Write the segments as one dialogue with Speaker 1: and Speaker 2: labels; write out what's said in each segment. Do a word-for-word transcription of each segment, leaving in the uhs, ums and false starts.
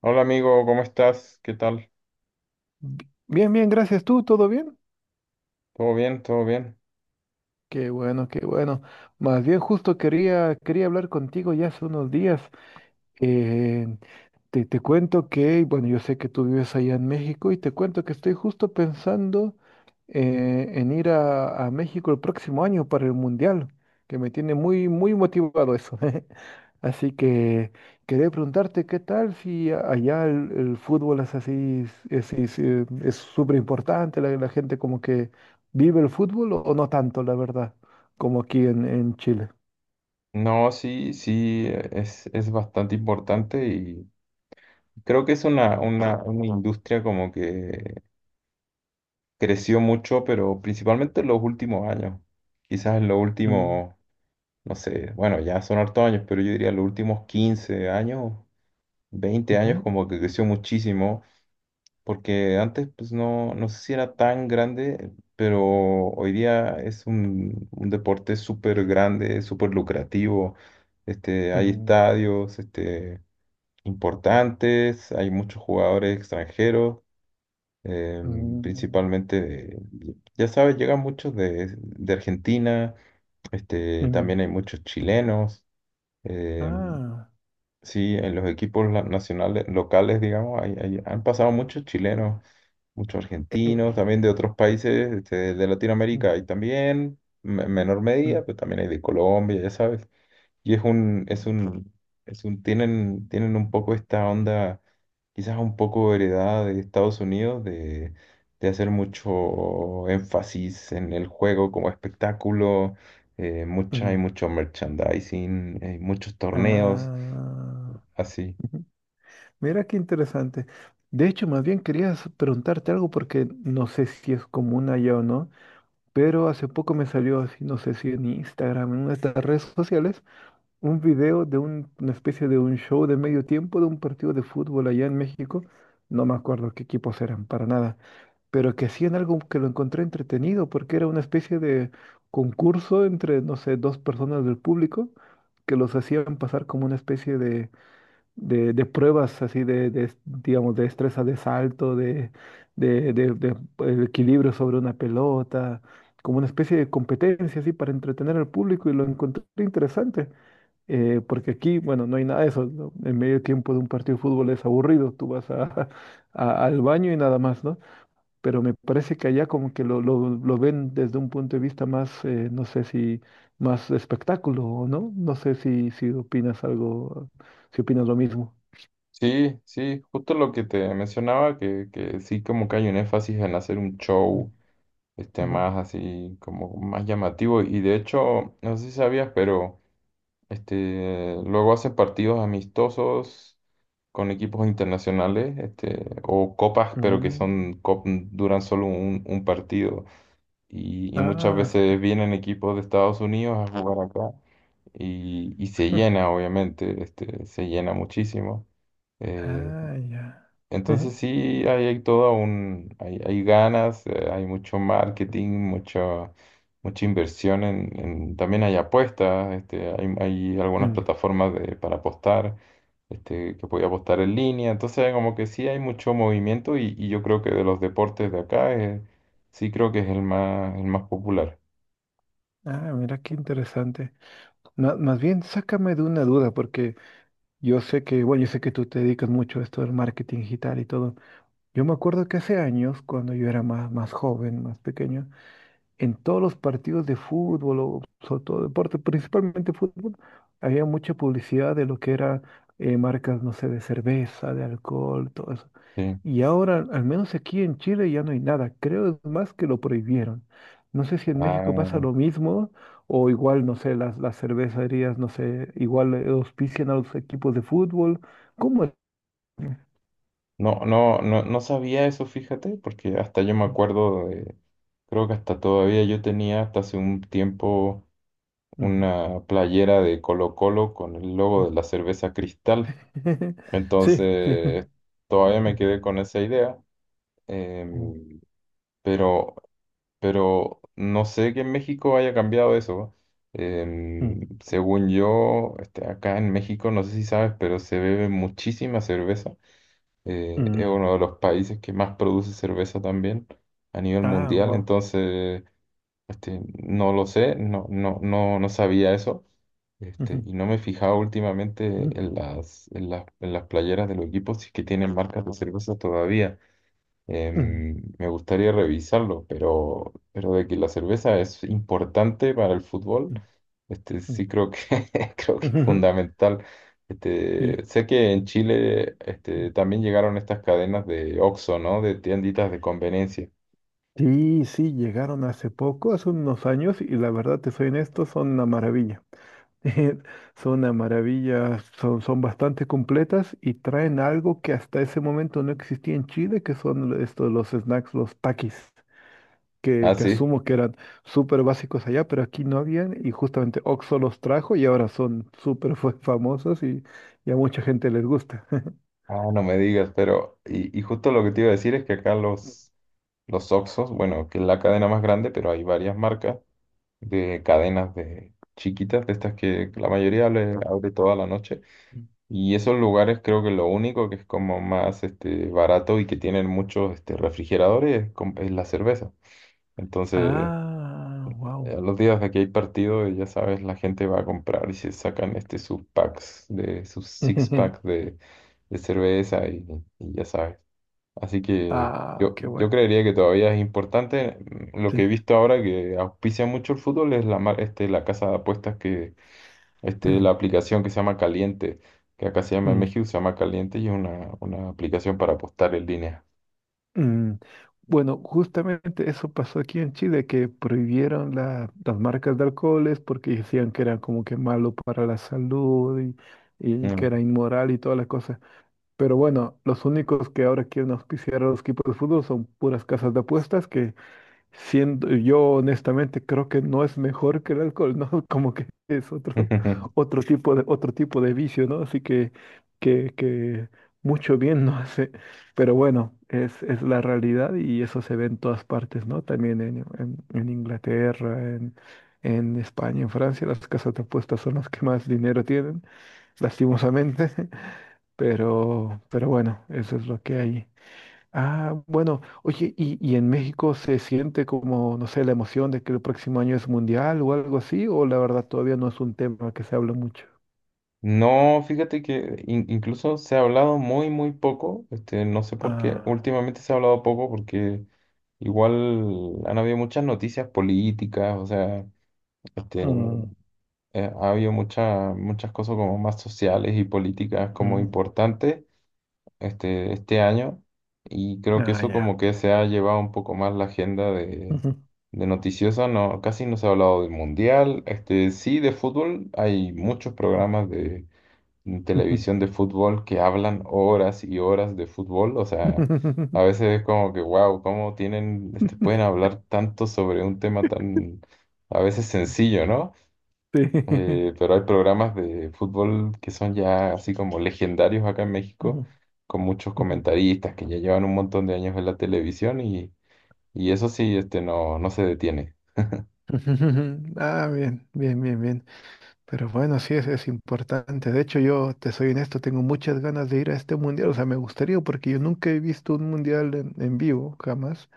Speaker 1: Hola amigo, ¿cómo estás? ¿Qué tal?
Speaker 2: Bi- Bien, bien, gracias tú, ¿todo bien?
Speaker 1: ¿Todo bien? ¿Todo bien?
Speaker 2: Qué bueno, qué bueno. Más bien justo quería, quería hablar contigo ya hace unos días. Eh, te, te cuento que, bueno, yo sé que tú vives allá en México y te cuento que estoy justo pensando eh, en ir a, a México el próximo año para el Mundial, que me tiene muy, muy motivado eso. Así que quería preguntarte qué tal si a- allá el, el fútbol es así, es es- eh, es súper importante, la, la gente como que vive el fútbol o, o no tanto, la verdad, como aquí en, en Chile.
Speaker 1: No, sí, sí, eh, es, es bastante importante y creo que es una, una, una industria como que creció mucho, pero principalmente en los últimos años. Quizás en los
Speaker 2: Mm,
Speaker 1: últimos, no sé, bueno, ya son hartos años, pero yo diría los últimos quince años, veinte años
Speaker 2: ujú,
Speaker 1: como que creció muchísimo porque antes pues no, no sé si era tan grande, pero hoy día es un, un deporte súper grande, súper lucrativo. Este, hay
Speaker 2: ujú,
Speaker 1: estadios este, importantes, hay muchos jugadores extranjeros, em,
Speaker 2: mm.
Speaker 1: principalmente, de- ya sabes, llegan muchos de, de Argentina, este,
Speaker 2: Mm.
Speaker 1: también hay muchos chilenos. em,
Speaker 2: Ah,
Speaker 1: Sí, en los equipos la- nacionales, locales, digamos, hay- hay- han pasado muchos chilenos, muchos
Speaker 2: Eh,
Speaker 1: argentinos, también de otros países este, de
Speaker 2: mm,
Speaker 1: Latinoamérica hay también, me- en menor
Speaker 2: mm,
Speaker 1: medida, pero también hay de Colombia, ya sabes. Y es un, es un, es un, tienen, tienen un poco esta onda, quizás un poco heredada de Estados Unidos, de, de hacer mucho énfasis en el juego como espectáculo, eh, mucha, hay
Speaker 2: mm.
Speaker 1: mucho merchandising, hay muchos torneos,
Speaker 2: Ah,
Speaker 1: así.
Speaker 2: ujú. Mira qué interesante. De hecho, más bien quería s- preguntarte algo porque no sé si es común allá o no, pero hace poco me salió así, no sé si en Instagram, en una de estas redes sociales, un video de un- una especie de un show de medio tiempo de un partido de fútbol allá en México. No me acuerdo qué equipos eran, para nada. Pero que hacían algo que lo encontré entretenido, porque era una especie de concurso entre, no sé, dos personas del público que los hacían pasar como una especie de, de, de pruebas así de, de, digamos, de destreza de salto, de, de, de- de, eh, equilibrio sobre una pelota, como una especie de competencia así para entretener al público y lo encontré interesante. eh, porque aquí, bueno, no hay nada de eso, ¿no? En medio tiempo de un partido de fútbol es aburrido. Tú vas a- a- al baño y nada más, ¿no? Pero me parece que allá como que lo, lo, lo ven desde un punto de vista más, eh, no sé si más de espectáculo o no, no sé si, si opinas algo, si opinas lo mismo.
Speaker 1: Sí, sí, justo lo que te mencionaba, que, que sí como que hay un énfasis en hacer un show,
Speaker 2: Mm,
Speaker 1: este,
Speaker 2: ujú.
Speaker 1: más así, como más llamativo. Y de hecho, no sé si sabías, pero este, luego hacen partidos amistosos con equipos internacionales, este, o copas, pero que
Speaker 2: Mm,
Speaker 1: son, cop- duran solo un, un partido. Y, y muchas
Speaker 2: ah,
Speaker 1: veces vienen equipos de Estados Unidos a jugar acá y, y se llena, obviamente, este, se llena muchísimo. Eh,
Speaker 2: ah, ya.
Speaker 1: entonces sí, hay, hay todo un, hay, hay ganas, eh, hay mucho marketing, mucho, mucha inversión en, en- también hay apuestas, este, hay, hay algunas
Speaker 2: Mm,
Speaker 1: plataformas de, para apostar, este, que puede apostar en línea. Entonces como que sí hay mucho movimiento y, y yo creo que de los deportes de acá, eh, sí creo que es el más, el más popular.
Speaker 2: ah, mira qué interesante. Ma- más bien, sácame de una duda, porque yo sé que, bueno, yo sé que tú te dedicas mucho a esto del marketing digital y todo. Yo me acuerdo que hace años, cuando yo era más, más joven, más pequeño, en todos los partidos de fútbol o sobre todo deporte, principalmente fútbol, había mucha publicidad de lo que era eh, marcas, no sé, de cerveza, de alcohol, todo eso.
Speaker 1: Sí.
Speaker 2: Y ahora, al menos aquí en Chile, ya no hay nada. Creo es más que lo prohibieron. No sé si en México pasa
Speaker 1: Ah,
Speaker 2: lo mismo o igual, no sé, las, las cervecerías, no sé, igual eh, auspician a los equipos de fútbol. ¿Cómo es?
Speaker 1: no, no, no, no sabía eso, fíjate, porque hasta yo me acuerdo de, creo que hasta todavía yo tenía hasta hace un tiempo
Speaker 2: Mm,
Speaker 1: una playera de Colo Colo con el
Speaker 2: mm.
Speaker 1: logo de la cerveza Cristal.
Speaker 2: Sí, sí.
Speaker 1: Entonces, todavía me
Speaker 2: Mm,
Speaker 1: quedé con esa idea,
Speaker 2: mm,
Speaker 1: em, pero, pero no sé que en México haya cambiado eso.
Speaker 2: mm,
Speaker 1: Em, según yo, este, acá en México, no sé si sabes, pero se bebe muchísima cerveza. Eh, es
Speaker 2: mm.
Speaker 1: uno de los países que más produce cerveza también a nivel
Speaker 2: Ah,
Speaker 1: mundial.
Speaker 2: wow.
Speaker 1: Entonces, este, no lo sé, no, no, no, no sabía eso. Este,
Speaker 2: Ujú,
Speaker 1: y no me he fijado últimamente
Speaker 2: ujú,
Speaker 1: en las, en las, en las playeras de los equipos si es que tienen marcas de cerveza todavía. Em, me gustaría revisarlo, pero, pero de que la cerveza es importante para el fútbol,
Speaker 2: ujú,
Speaker 1: este,
Speaker 2: ujú,
Speaker 1: sí creo que, creo que es
Speaker 2: ujú.
Speaker 1: fundamental.
Speaker 2: Sí.
Speaker 1: Este, sé que en Chile este, también llegaron estas cadenas de Oxxo, ¿no? De tienditas de conveniencia.
Speaker 2: Sí, sí, llegaron hace poco, hace unos años, y la verdad, te soy honesto, son una maravilla. Son una maravilla, son, son bastante completas y traen algo que hasta ese momento no existía en Chile, que son estos, los snacks, los Takis,
Speaker 1: Ah,
Speaker 2: que, que
Speaker 1: sí.
Speaker 2: asumo que eran súper básicos allá, pero aquí no habían, y justamente Oxxo los trajo y ahora son súper fa- famosos y, y a mucha gente les gusta.
Speaker 1: Ah, no me digas, pero... Y, y justo lo que te iba a decir es que acá los... los Oxos, bueno, que es la cadena más grande, pero hay varias marcas de cadenas de chiquitas, de estas que la mayoría le abre toda la noche. Y esos lugares creo que lo único que es como más este, barato y que tienen muchos este, refrigeradores es, com- es la cerveza. Entonces,
Speaker 2: Ah, wow.
Speaker 1: a los días de que hay partido, ya sabes, la gente va a comprar y se sacan este, sus packs, de, sus six packs de, de cerveza y, y ya sabes. Así que
Speaker 2: Ah,
Speaker 1: yo,
Speaker 2: qué
Speaker 1: yo
Speaker 2: buena.
Speaker 1: creería que todavía es importante. Mm, lo que he
Speaker 2: Sí.
Speaker 1: visto ahora que auspicia mucho el fútbol es la, mar- este, la casa de apuestas que, este, la
Speaker 2: Mm,
Speaker 1: aplicación que se llama Caliente, que acá se llama en
Speaker 2: mm,
Speaker 1: México, se llama Caliente y es una, una aplicación para apostar en línea.
Speaker 2: mm. Bueno, justamente eso pasó aquí en Chile, que prohibieron la- las marcas de alcoholes porque decían que era como que malo para la salud y, y que
Speaker 1: Mm.
Speaker 2: era inmoral y todas las cosas. Pero bueno, los únicos que ahora quieren auspiciar a los equipos de fútbol son puras casas de apuestas que... Siendo, yo honestamente creo que no es mejor que el alcohol, ¿no? Como que es otro, otro tipo de, otro tipo de vicio, ¿no? Así que, que, que mucho bien no hace. Pero bueno, es, es la realidad y eso se ve en todas partes, ¿no? También en, en, en Inglaterra, en, en España, en Francia, las casas de apuestas son las que más dinero tienen, lastimosamente. Pero, pero bueno, eso es lo que hay. Ah, bueno, oye, ¿y, y en México se siente como, no sé, la emoción de que el próximo año es mundial o algo así? ¿O la verdad todavía no es un tema que se habla mucho?
Speaker 1: No, fíjate que in- incluso se ha hablado muy, muy poco. Este, no sé por qué.
Speaker 2: Ah,
Speaker 1: Últimamente se ha hablado poco porque igual han habido muchas noticias políticas, o sea, este,
Speaker 2: mm,
Speaker 1: eh, ha habido mucha- muchas cosas como más sociales y políticas como
Speaker 2: mm,
Speaker 1: importantes este, este año y creo que
Speaker 2: ah,
Speaker 1: eso como
Speaker 2: ya.
Speaker 1: que se ha llevado un poco más la agenda de,
Speaker 2: Ujú,
Speaker 1: de noticiosa, no, casi no se ha hablado del mundial, este, sí de fútbol, hay muchos programas de, de
Speaker 2: ujú,
Speaker 1: televisión de fútbol que hablan horas y horas de fútbol, o sea, a veces es como que wow, cómo tienen,
Speaker 2: ujú.
Speaker 1: este, pueden hablar tanto sobre un tema tan a veces sencillo, ¿no?
Speaker 2: Sí.
Speaker 1: Eh, pero hay programas de fútbol que son ya así como legendarios acá en
Speaker 2: Ujú,
Speaker 1: México, con muchos
Speaker 2: ujú.
Speaker 1: comentaristas que ya llevan un montón de años en la televisión y, y eso sí, este, no, no se detiene.
Speaker 2: Ah, bien, bien, bien, bien. Pero bueno, sí, es, es importante. De hecho, yo te soy honesto, tengo muchas ganas de ir a este mundial. O sea, me gustaría porque yo nunca he visto un mundial en, en vivo, jamás.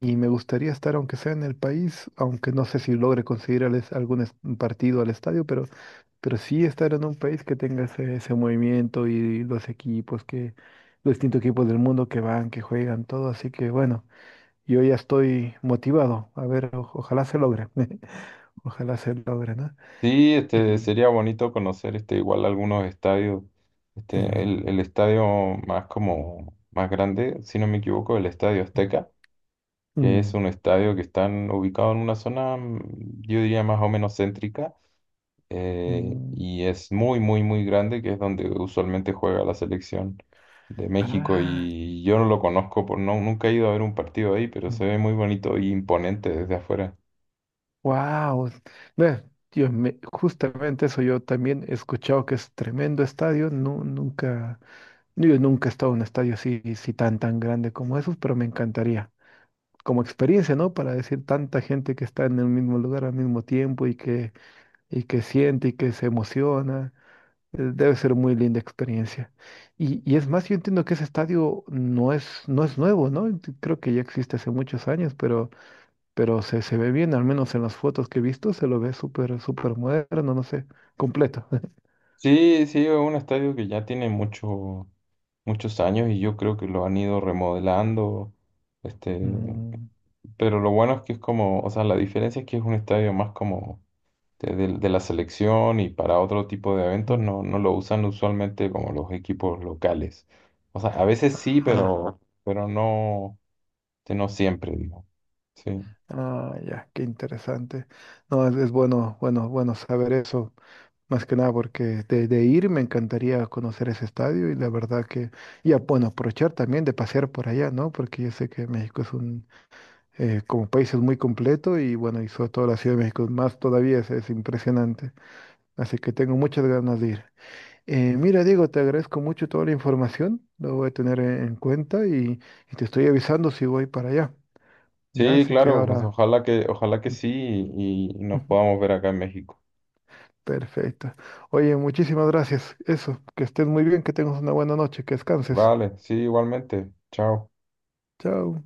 Speaker 2: Y me gustaría estar, aunque sea en el país, aunque no sé si logre conseguir al es- algún es- partido al estadio, pero, pero sí estar en un país que tenga ese, ese movimiento y los equipos que, los distintos equipos del mundo que van, que juegan, todo. Así que bueno, yo ya estoy motivado. A ver, o- ojalá se logre. Ojalá se logre, ¿no?
Speaker 1: Sí, este,
Speaker 2: Y.
Speaker 1: sería bonito conocer este, igual algunos estadios. Este,
Speaker 2: Mm,
Speaker 1: el, el estadio más como más grande, si no me equivoco, el Estadio
Speaker 2: mm,
Speaker 1: Azteca, que es
Speaker 2: mm,
Speaker 1: un estadio que están ubicado en una zona, mm, yo diría más o menos céntrica, eh,
Speaker 2: mm.
Speaker 1: y es muy, muy, muy grande, que es donde usualmente juega la selección de México
Speaker 2: Ah.
Speaker 1: y yo no lo conozco, por, no, nunca he ido a ver un partido ahí, pero se ve muy bonito y imponente desde afuera.
Speaker 2: Wow, ve, yo me- justamente eso yo también he escuchado que es tremendo estadio. No, nunca, yo nunca he estado en un estadio así, así tan tan grande como esos, pero me encantaría. Como experiencia, ¿no? Para decir tanta gente que está en el mismo lugar al mismo tiempo y que, y que siente y que se emociona. eh, Debe ser muy linda experiencia. Y, y es más, yo entiendo que ese estadio no es, no es nuevo, ¿no? Ent- Creo que ya existe hace muchos años, pero pero se, se ve bien, al menos en las fotos que he visto, se lo ve súper, súper moderno, no sé, completo.
Speaker 1: Sí, sí, es un estadio que ya tiene mucho, muchos años y yo creo que lo han ido remodelando, este,
Speaker 2: Mm,
Speaker 1: pero lo bueno es que es como, o sea, la diferencia es que es un estadio más como de, de- de la selección y para otro tipo de eventos
Speaker 2: mm.
Speaker 1: no, no lo usan usualmente como los equipos locales. O sea, a veces sí,
Speaker 2: Ah,
Speaker 1: pero, pero no, que no siempre, digo. Sí.
Speaker 2: ah, ya, qué interesante. No, es, es bueno, bueno, bueno saber eso, más que nada porque de, de ir me encantaría conocer ese estadio y la verdad que, y bueno, aprovechar también de pasear por allá, ¿no? Porque yo sé que México es un, eh, como país es muy completo y bueno, y sobre todo la Ciudad de México más todavía es, es impresionante. Así que tengo muchas ganas de ir. Eh, mira, Diego, te agradezco mucho toda la información, lo voy a tener en en cuenta y, y te estoy avisando si voy para allá. Ya,
Speaker 1: Sí,
Speaker 2: así que
Speaker 1: claro, pues
Speaker 2: ahora...
Speaker 1: ojalá que, ojalá que sí y, y nos podamos ver acá en México.
Speaker 2: Perfecto. Oye, muchísimas gracias. Eso, que estés muy bien, que tengas una buena noche, que descanses.
Speaker 1: Vale, sí, igualmente. Chao.
Speaker 2: Chao.